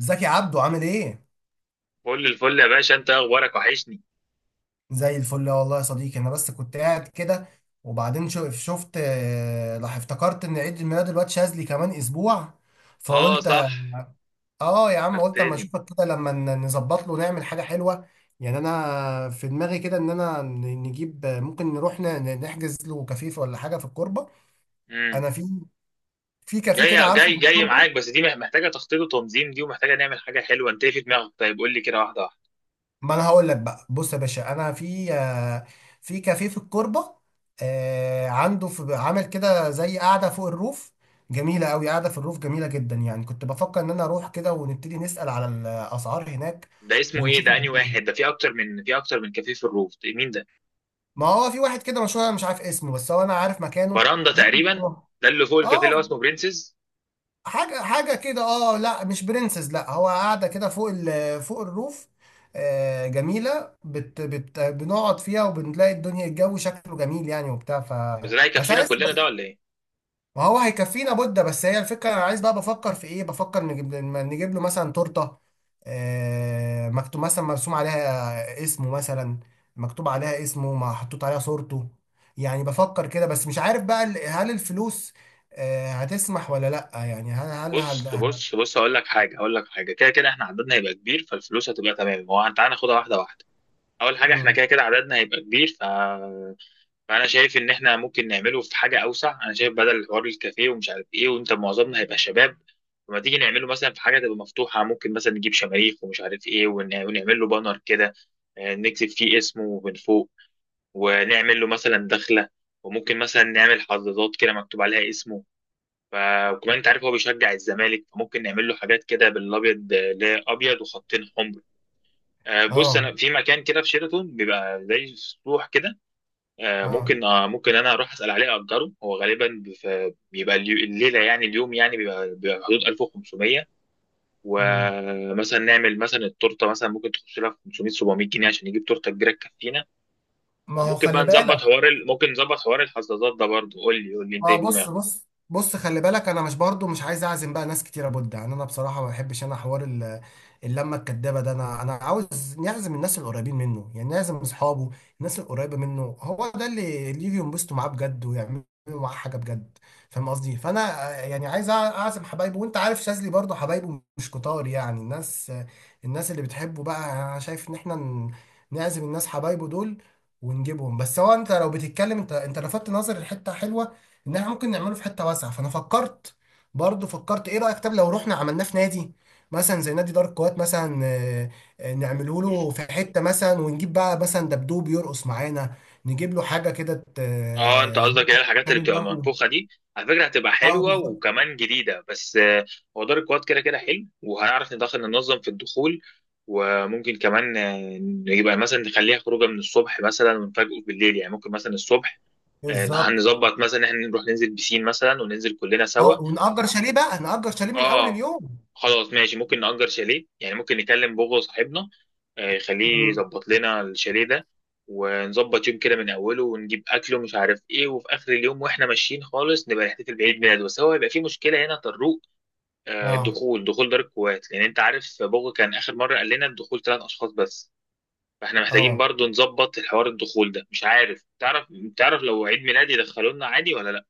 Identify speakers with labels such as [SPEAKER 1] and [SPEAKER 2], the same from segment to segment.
[SPEAKER 1] ازيك يا عبدو عامل ايه؟
[SPEAKER 2] كل الفل يا باشا، انت اخبارك وحشني.
[SPEAKER 1] زي الفل والله يا صديقي، انا بس كنت قاعد كده. وبعدين شفت، راح افتكرت ان عيد الميلاد الواد شاذلي كمان اسبوع.
[SPEAKER 2] اه
[SPEAKER 1] فقلت
[SPEAKER 2] صح،
[SPEAKER 1] اه يا عم، قلت اما
[SPEAKER 2] فكرتني.
[SPEAKER 1] اشوفك كده لما نظبط له نعمل حاجة حلوة. يعني انا في دماغي كده ان انا نجيب، ممكن نروح نحجز له كافيه ولا حاجة في الكوربة.
[SPEAKER 2] امم
[SPEAKER 1] انا في كافيه كده،
[SPEAKER 2] جاي
[SPEAKER 1] عارفه،
[SPEAKER 2] جاي
[SPEAKER 1] في
[SPEAKER 2] جاي معاك،
[SPEAKER 1] الكوربة.
[SPEAKER 2] بس دي محتاجه تخطيط وتنظيم، دي ومحتاجه نعمل حاجه حلوه. انت ايه في دماغك؟ طيب قول لي كده واحده واحده.
[SPEAKER 1] ما انا هقول لك بقى، بص يا باشا، انا في، في كافيه في الكوربه. عنده في عامل كده زي قاعده فوق الروف، جميله قوي، قاعده في الروف جميله جدا يعني. كنت بفكر ان انا اروح كده ونبتدي نسال على الاسعار هناك
[SPEAKER 2] ده اسمه ايه؟
[SPEAKER 1] ونشوف
[SPEAKER 2] ده انهي
[SPEAKER 1] الجو.
[SPEAKER 2] واحد؟ ده في اكتر من كافيه في الروف. ده مين ده؟
[SPEAKER 1] ما هو في واحد كده مشهور، انا مش عارف اسمه، بس هو انا عارف مكانه،
[SPEAKER 2] براندا
[SPEAKER 1] ممكن
[SPEAKER 2] تقريبا،
[SPEAKER 1] نروح.
[SPEAKER 2] ده اللي فوق الكافيه اللي هو
[SPEAKER 1] اه،
[SPEAKER 2] اسمه برنسز.
[SPEAKER 1] حاجة حاجة كده. اه، لا مش برنسز، لا هو قاعدة كده فوق فوق الروف. آه، جميلة. بت بت بنقعد فيها وبنلاقي الدنيا الجو شكله جميل يعني، وبتاع،
[SPEAKER 2] بس ده
[SPEAKER 1] بس
[SPEAKER 2] هيكفينا
[SPEAKER 1] عايز
[SPEAKER 2] كلنا ده
[SPEAKER 1] بس
[SPEAKER 2] ولا ايه؟
[SPEAKER 1] ما هو هيكفينا بودة. بس هي الفكرة، انا عايز بقى، بفكر في ايه، بفكر نجيب له مثلا تورتة. آه، مكتوب مثلا، مرسوم عليها اسمه مثلا، مكتوب عليها اسمه، ما حطوط عليها صورته. يعني بفكر كده، بس مش عارف بقى هل الفلوس هتسمح ولا لا، يعني هل هل
[SPEAKER 2] بص
[SPEAKER 1] هل
[SPEAKER 2] بص بص، هقول لك حاجه، هقول لك حاجه. كده كده احنا عددنا هيبقى كبير، فالفلوس هتبقى تمام. هو تعالى ناخدها واحده واحده. اول حاجه، احنا
[SPEAKER 1] مم.
[SPEAKER 2] كده كده عددنا هيبقى كبير، فانا شايف ان احنا ممكن نعمله في حاجه اوسع. انا شايف بدل حوار الكافيه ومش عارف ايه، وانت معظمنا هيبقى شباب. لما تيجي نعمله مثلا في حاجه تبقى مفتوحه، ممكن مثلا نجيب شماريخ ومش عارف ايه، ونعمل له بانر كده. نكتب فيه اسمه من فوق، ونعمل له مثلا دخله. وممكن مثلا نعمل حظاظات كده مكتوب عليها اسمه. ف- وكمان انت عارف هو بيشجع الزمالك، فممكن نعمل له حاجات كده بالابيض، اللي هي ابيض وخطين حمر. بص
[SPEAKER 1] اه،
[SPEAKER 2] انا في مكان كده في شيراتون بيبقى زي سطوح كده.
[SPEAKER 1] اه.
[SPEAKER 2] ممكن، ممكن انا اروح اسال عليه اجره. هو غالبا بيبقى الليله يعني اليوم، يعني بيبقى حدود 1500.
[SPEAKER 1] مم.
[SPEAKER 2] ومثلا نعمل مثلا التورته، مثلا ممكن تخش لها في 500 700 جنيه عشان نجيب تورته كبيره تكفينا.
[SPEAKER 1] ما هو
[SPEAKER 2] وممكن بقى
[SPEAKER 1] خلي
[SPEAKER 2] نظبط
[SPEAKER 1] بالك.
[SPEAKER 2] حوار ممكن نظبط حوار الحظاظات ده برضه. قول لي، قول لي انت
[SPEAKER 1] ما
[SPEAKER 2] ايه في
[SPEAKER 1] بص
[SPEAKER 2] دماغك.
[SPEAKER 1] بص بص خلي بالك، انا مش، برضو مش عايز اعزم بقى ناس كتيره بود. يعني انا بصراحه ما بحبش انا حوار اللمه الكدابه ده. انا عاوز نعزم الناس القريبين منه، يعني نعزم اصحابه. الناس القريبه منه، هو ده اللي يجي ينبسطوا معاه بجد ويعملوا معاه حاجه بجد. فاهم قصدي؟ فانا، يعني عايز اعزم حبايبه. وانت عارف شاذلي برضو حبايبه مش كتار، يعني الناس، الناس اللي بتحبه بقى. انا شايف ان احنا نعزم الناس حبايبه دول ونجيبهم. بس هو انت لو بتتكلم، انت لفتت نظر لحته حلوه، ان احنا ممكن نعمله في حته واسعه. فانا فكرت، برضه فكرت، ايه رايك طب لو رحنا عملناه في نادي، مثلا زي نادي دار الكويت مثلا، نعمله له في حته مثلا، ونجيب بقى مثلا دبدوب يرقص معانا، نجيب له حاجه كده،
[SPEAKER 2] اه، انت قصدك ايه؟ الحاجات اللي
[SPEAKER 1] تعمل
[SPEAKER 2] بتبقى
[SPEAKER 1] جو.
[SPEAKER 2] منفوخه دي؟ على فكره هتبقى
[SPEAKER 1] اه
[SPEAKER 2] حلوه
[SPEAKER 1] بالظبط.
[SPEAKER 2] وكمان جديده، بس هو دار الكواد كده كده حلو، وهنعرف ندخل ننظم في الدخول. وممكن كمان، يبقى مثلا نخليها خروجه من الصبح مثلا ونفاجئه بالليل. يعني ممكن مثلا الصبح،
[SPEAKER 1] بالظبط.
[SPEAKER 2] هنظبط مثلا ان احنا نروح ننزل بسين مثلا وننزل كلنا سوا.
[SPEAKER 1] اه، ونأجر شاليه بقى، نأجر شاليه من اول
[SPEAKER 2] اه،
[SPEAKER 1] اليوم.
[SPEAKER 2] خلاص ماشي، ممكن نأجر شاليه. يعني ممكن نكلم بوغو صاحبنا، يخليه
[SPEAKER 1] مم.
[SPEAKER 2] يظبط لنا الشاليه ده. ونظبط يوم كده من اوله ونجيب اكل ومش عارف ايه، وفي اخر اليوم واحنا ماشيين خالص نبقى نحتفل بعيد ميلاده. بس هو هيبقى في مشكله هنا طروق،
[SPEAKER 1] اه،
[SPEAKER 2] دخول دار الكويت. لان انت عارف بوغو كان اخر مره قال لنا الدخول ثلاث اشخاص بس. فاحنا محتاجين
[SPEAKER 1] اه.
[SPEAKER 2] برضو نظبط الحوار الدخول ده. مش عارف، تعرف لو عيد ميلادي يدخلونا عادي ولا لا؟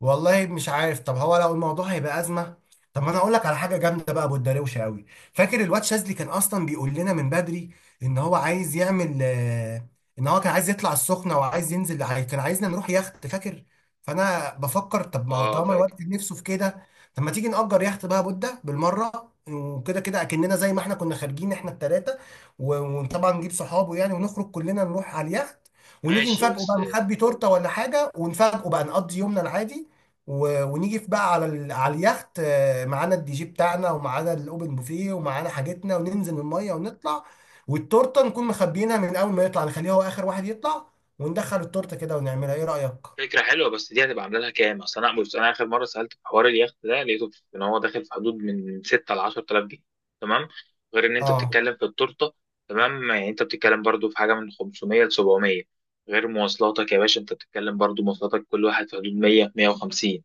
[SPEAKER 1] والله مش عارف. طب هو لو الموضوع هيبقى ازمه، طب ما انا اقول لك على حاجه جامده بقى، ابو الدروشه قوي. فاكر الواد شاذلي كان اصلا بيقول لنا من بدري، ان هو عايز يعمل آه، ان هو كان عايز يطلع السخنه، كان عايزنا نروح يخت، فاكر؟ فانا بفكر، طب ما هو
[SPEAKER 2] اه،
[SPEAKER 1] طالما الواد
[SPEAKER 2] فاكر.
[SPEAKER 1] كان نفسه في كده، طب ما تيجي نأجر يخت بقى بودة بالمره. وكده كده اكننا زي ما احنا كنا خارجين احنا التلاته، و- وطبعا نجيب صحابه يعني، ونخرج كلنا نروح على اليخت، ونيجي
[SPEAKER 2] ماشي
[SPEAKER 1] نفاجئه بقى،
[SPEAKER 2] بس.
[SPEAKER 1] نخبي تورته ولا حاجه ونفاجئه بقى، نقضي يومنا العادي. ونيجي في بقى على على اليخت، معانا الدي جي بتاعنا ومعانا الاوبن بوفيه ومعانا حاجتنا، وننزل من الميه ونطلع. والتورته نكون مخبيينها، من اول ما يطلع نخليه هو اخر واحد يطلع، وندخل التورته كده ونعملها. ايه رايك؟
[SPEAKER 2] فكرة حلوة، بس دي هتبقى عاملة لها كام؟ أصل أنا بص، أنا آخر مرة سألت في حوار اليخت ده لقيته إن هو داخل في حدود من 6 ل 10,000 جنيه. تمام؟ غير إن أنت
[SPEAKER 1] اه،
[SPEAKER 2] بتتكلم في التورتة، تمام؟ يعني أنت بتتكلم برضو في حاجة من 500 ل 700. غير مواصلاتك يا باشا، أنت بتتكلم برضو مواصلاتك كل واحد في حدود 100 150.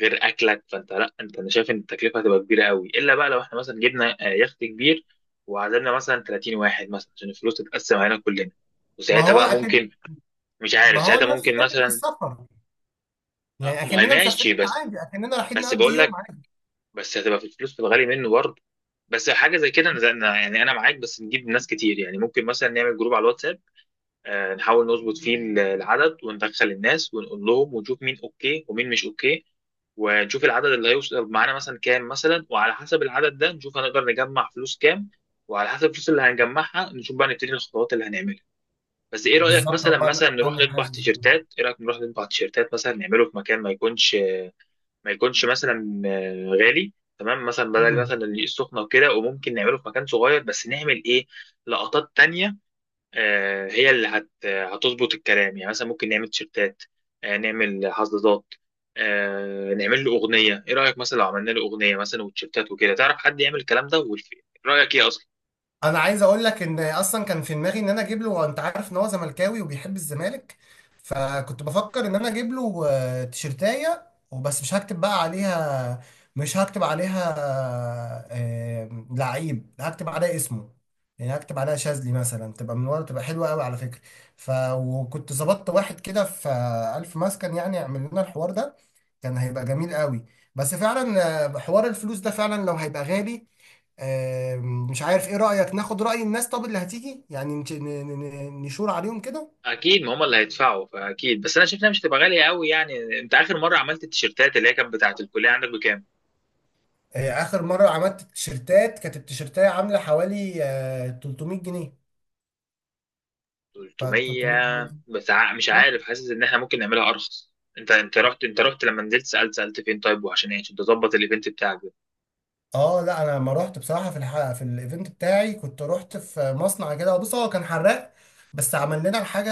[SPEAKER 2] غير أكلك، فأنت لأ، أنت أنا شايف إن التكلفة هتبقى كبيرة قوي. إلا بقى لو إحنا مثلا جبنا، يخت كبير وعزمنا مثلا 30 واحد مثلا عشان الفلوس تتقسم علينا كلنا،
[SPEAKER 1] ما
[SPEAKER 2] وساعتها
[SPEAKER 1] هو
[SPEAKER 2] بقى
[SPEAKER 1] اكن،
[SPEAKER 2] ممكن. مش
[SPEAKER 1] ما
[SPEAKER 2] عارف،
[SPEAKER 1] هو
[SPEAKER 2] ساعتها
[SPEAKER 1] نفس
[SPEAKER 2] ممكن
[SPEAKER 1] فكره
[SPEAKER 2] مثلا،
[SPEAKER 1] السفر. يعني
[SPEAKER 2] ما هي
[SPEAKER 1] اكننا مسافرين
[SPEAKER 2] ماشي. بس،
[SPEAKER 1] عادي، اكننا رايحين
[SPEAKER 2] بس
[SPEAKER 1] نقضي
[SPEAKER 2] بقول
[SPEAKER 1] يوم
[SPEAKER 2] لك،
[SPEAKER 1] عادي.
[SPEAKER 2] بس هتبقى في الفلوس، في الغالي منه برضه. بس حاجه زي كده، يعني انا معاك. بس نجيب ناس كتير، يعني ممكن مثلا نعمل جروب على الواتساب، نحاول نظبط فيه العدد، وندخل الناس ونقول لهم ونشوف مين اوكي ومين مش اوكي. ونشوف العدد اللي هيوصل معانا مثلا كام مثلا، وعلى حسب العدد ده نشوف هنقدر نجمع فلوس كام. وعلى حسب الفلوس اللي هنجمعها نشوف بقى نبتدي الخطوات اللي هنعملها. بس ايه رايك،
[SPEAKER 1] بالظبط،
[SPEAKER 2] مثلا
[SPEAKER 1] هو انا
[SPEAKER 2] مثلا نروح نطبع
[SPEAKER 1] حاسس.
[SPEAKER 2] تيشيرتات. ايه رايك نروح نطبع تيشيرتات مثلا، نعمله في مكان ما يكونش، ما يكونش مثلا غالي. تمام، مثلا بدل مثلا الدقيق السخنه وكده، وممكن نعمله في مكان صغير بس نعمل ايه؟ لقطات تانية، هي اللي هتظبط الكلام. يعني مثلا ممكن نعمل تيشيرتات، نعمل حظاظات، نعمل له اغنيه. ايه رايك مثلا لو عملنا له اغنيه مثلا وتيشيرتات وكده؟ تعرف حد يعمل الكلام ده؟ والف... رايك ايه اصلا؟
[SPEAKER 1] انا عايز اقول لك ان اصلا كان في دماغي ان انا اجيب له، وانت عارف ان هو زملكاوي وبيحب الزمالك، فكنت بفكر ان انا اجيب له تيشرتايه وبس، مش هكتب بقى عليها، مش هكتب عليها لعيب، هكتب عليها اسمه. يعني هكتب عليها شاذلي مثلا، تبقى من ورا، تبقى حلوه قوي على فكره. وكنت ظبطت واحد كده في الف مسكن، يعني يعمل لنا الحوار ده. كان هيبقى جميل قوي. بس فعلا حوار الفلوس ده فعلا لو هيبقى غالي. مش عارف، ايه رأيك ناخد رأي الناس طب اللي هتيجي يعني نشور عليهم كده؟
[SPEAKER 2] اكيد، ما هم اللي هيدفعوا فاكيد. بس انا شايف انها مش هتبقى غاليه قوي. يعني انت اخر مره عملت التيشيرتات اللي هي كانت بتاعه الكليه عندك بكام؟
[SPEAKER 1] اخر مرة عملت التيشيرتات كانت التيشيرتاية عاملة حوالي 300 جنيه.
[SPEAKER 2] 300
[SPEAKER 1] 300 جنيه.
[SPEAKER 2] بس؟ مش عارف، حاسس ان احنا ممكن نعملها ارخص. انت رحت، انت رحت لما نزلت، سالت فين طيب؟ وعشان ايه؟ عشان تظبط الايفنت بتاعك ده؟
[SPEAKER 1] اه، لا انا لما رحت بصراحه في الايفنت بتاعي كنت رحت في مصنع كده، بص هو كان حراق بس عمل لنا الحاجه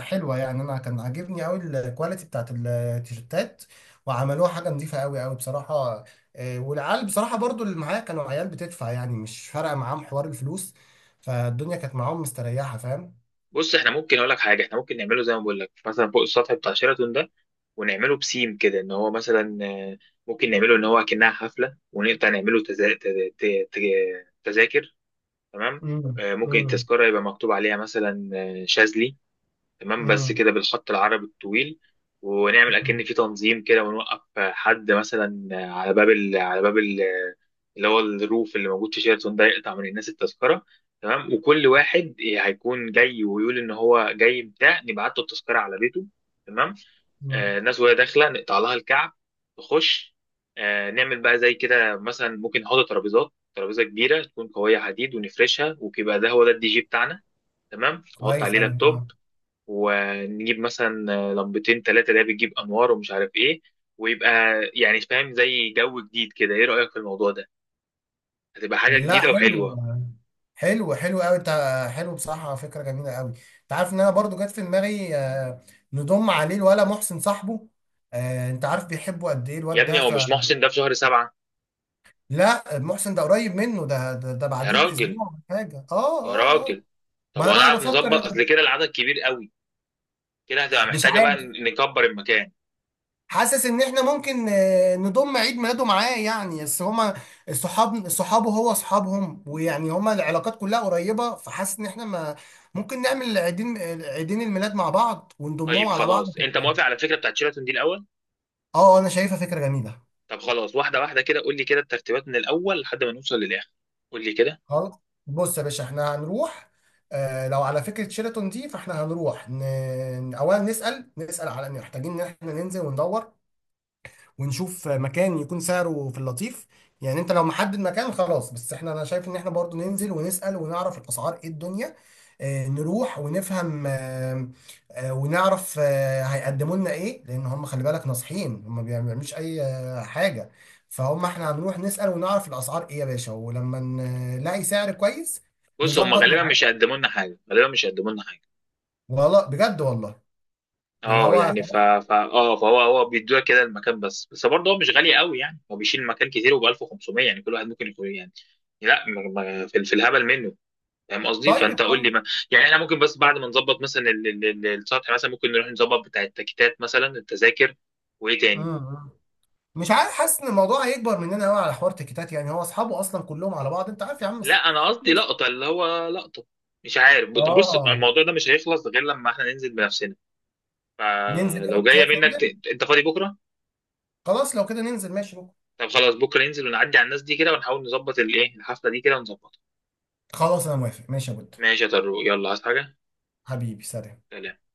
[SPEAKER 1] حلوه يعني، انا كان عاجبني قوي الكواليتي بتاعت التيشيرتات، وعملوها حاجه نظيفه قوي قوي بصراحه. والعيال بصراحه برضو اللي معايا كانوا عيال بتدفع يعني، مش فارقه معاهم حوار الفلوس، فالدنيا كانت معاهم مستريحه. فاهم؟
[SPEAKER 2] بص احنا ممكن، اقول لك حاجه، احنا ممكن نعمله زي ما بقول لك، مثلا فوق السطح بتاع شيراتون ده، ونعمله بسيم كده ان هو مثلا ممكن نعمله ان هو كأنها حفله، ونقطع نعمله تزا... تز- ت- ت- تذاكر. تمام؟
[SPEAKER 1] امم.
[SPEAKER 2] ممكن
[SPEAKER 1] امم.
[SPEAKER 2] التذكره يبقى مكتوب عليها مثلا شاذلي. تمام، بس
[SPEAKER 1] امم.
[SPEAKER 2] كده بالخط العربي الطويل. ونعمل اكن في تنظيم كده، ونوقف حد مثلا على باب على باب اللي هو الروف اللي موجود في شيراتون ده، يقطع من الناس التذكره. تمام، وكل واحد هيكون جاي ويقول ان هو جاي بتاع، نبعت له التذكره على بيته. تمام. آه،
[SPEAKER 1] امم.
[SPEAKER 2] الناس وهي داخله نقطع لها الكعب، تخش. آه، نعمل بقى زي كده، مثلا ممكن نحط ترابيزات، ترابيزه كبيره تكون قويه حديد ونفرشها، ويبقى ده هو ده الدي جي بتاعنا. تمام، نحط
[SPEAKER 1] كويس
[SPEAKER 2] عليه
[SPEAKER 1] قوي،
[SPEAKER 2] لابتوب،
[SPEAKER 1] اه.
[SPEAKER 2] ونجيب مثلا لمبتين ثلاثة ده، بتجيب أنوار ومش عارف إيه، ويبقى يعني فاهم زي جو جديد كده. إيه رأيك في الموضوع ده؟ هتبقى حاجة
[SPEAKER 1] لا
[SPEAKER 2] جديدة
[SPEAKER 1] حلو،
[SPEAKER 2] وحلوة.
[SPEAKER 1] حلو حلو قوي انت. حلو بصراحه، فكره جميله قوي. انت عارف ان انا برضو جت في دماغي نضم عليه الولا محسن صاحبه. انت عارف بيحبه قد ايه
[SPEAKER 2] يا
[SPEAKER 1] الواد
[SPEAKER 2] ابني
[SPEAKER 1] ده،
[SPEAKER 2] هو مش
[SPEAKER 1] فلا.
[SPEAKER 2] محسن ده في شهر سبعة؟
[SPEAKER 1] محسن ده قريب منه، ده
[SPEAKER 2] يا
[SPEAKER 1] بعديه
[SPEAKER 2] راجل.
[SPEAKER 1] باسبوع ولا حاجه، اه.
[SPEAKER 2] يا
[SPEAKER 1] اه، اه.
[SPEAKER 2] راجل.
[SPEAKER 1] ما
[SPEAKER 2] طب
[SPEAKER 1] انا
[SPEAKER 2] هو
[SPEAKER 1] بقى
[SPEAKER 2] نعرف نظبط؟
[SPEAKER 1] بفكر.
[SPEAKER 2] أصل كده العدد كبير قوي، كده هتبقى
[SPEAKER 1] مش
[SPEAKER 2] محتاجة بقى
[SPEAKER 1] عارف،
[SPEAKER 2] نكبر المكان.
[SPEAKER 1] حاسس ان احنا ممكن نضم عيد ميلاده معاه. يعني بس هما الصحاب صحابه هو اصحابهم، ويعني هما العلاقات كلها قريبه. فحاسس ان احنا، ما ممكن نعمل عيدين عيدين الميلاد مع بعض ونضمهم
[SPEAKER 2] طيب
[SPEAKER 1] على بعض
[SPEAKER 2] خلاص، أنت
[SPEAKER 1] تبقى.
[SPEAKER 2] موافق على الفكرة بتاعت شيراتون دي الأول؟
[SPEAKER 1] اه، انا شايفها فكره جميله.
[SPEAKER 2] طب خلاص، واحدة واحدة كده، قول لي كده الترتيبات من الأول لحد ما نوصل للآخر، قول لي كده.
[SPEAKER 1] خلاص، بص يا باشا، احنا هنروح. آه، لو على فكره شيراتون دي، فاحنا هنروح اولا نسال على ان محتاجين ان احنا ننزل وندور، ونشوف مكان يكون سعره في اللطيف. يعني انت لو محدد مكان خلاص، بس احنا، انا شايف ان احنا برضو ننزل ونسأل ونعرف الاسعار ايه الدنيا. اه، نروح ونفهم، اه. اه، ونعرف، اه، هيقدموا لنا ايه، لان هم خلي بالك ناصحين، هم ما بيعملوش اي حاجة. فهم احنا هنروح نسأل ونعرف الاسعار ايه يا باشا، ولما نلاقي سعر كويس
[SPEAKER 2] بص هم
[SPEAKER 1] نظبط
[SPEAKER 2] غالبا مش
[SPEAKER 1] معاه.
[SPEAKER 2] هيقدموا لنا حاجة، غالبا مش هيقدموا لنا حاجة.
[SPEAKER 1] والله بجد، والله. يعني
[SPEAKER 2] اه
[SPEAKER 1] هو،
[SPEAKER 2] يعني اه فهو، هو بيدوها كده المكان بس. بس برضه هو مش غالي قوي، يعني هو بيشيل مكان كتير وب 1500. يعني كل واحد ممكن يكون يعني. لا، في الهبل منه. فاهم قصدي؟
[SPEAKER 1] طيب
[SPEAKER 2] فانت قول
[SPEAKER 1] خلاص.
[SPEAKER 2] لي. ما يعني احنا ممكن، بس بعد ما نظبط مثلا السطح مثلا، ممكن نروح نظبط بتاع التكتات مثلا التذاكر. وايه تاني؟
[SPEAKER 1] مم. مش عارف، حاسس ان الموضوع هيكبر مننا قوي على حوار تيكيتات. يعني هو اصحابه اصلا كلهم على بعض، انت عارف يا عم.
[SPEAKER 2] لا،
[SPEAKER 1] بس
[SPEAKER 2] انا قصدي
[SPEAKER 1] بس-
[SPEAKER 2] لقطه، اللي هو لقطه. مش عارف، طب بص
[SPEAKER 1] اه،
[SPEAKER 2] الموضوع ده مش هيخلص غير لما احنا ننزل بنفسنا.
[SPEAKER 1] ننزل
[SPEAKER 2] فلو
[SPEAKER 1] يعني،
[SPEAKER 2] جايه
[SPEAKER 1] شايف
[SPEAKER 2] منك
[SPEAKER 1] ننزل.
[SPEAKER 2] انت فاضي بكره؟
[SPEAKER 1] خلاص لو كده ننزل ماشي بكره.
[SPEAKER 2] طب خلاص، بكره ننزل ونعدي على الناس دي كده، ونحاول نظبط الايه الحفله دي كده ونظبطها.
[SPEAKER 1] خلاص انا موافق، ماشي يا بود.
[SPEAKER 2] ماشي يا طارق، يلا عايز حاجة؟
[SPEAKER 1] حبيبي، سلام.
[SPEAKER 2] سلام.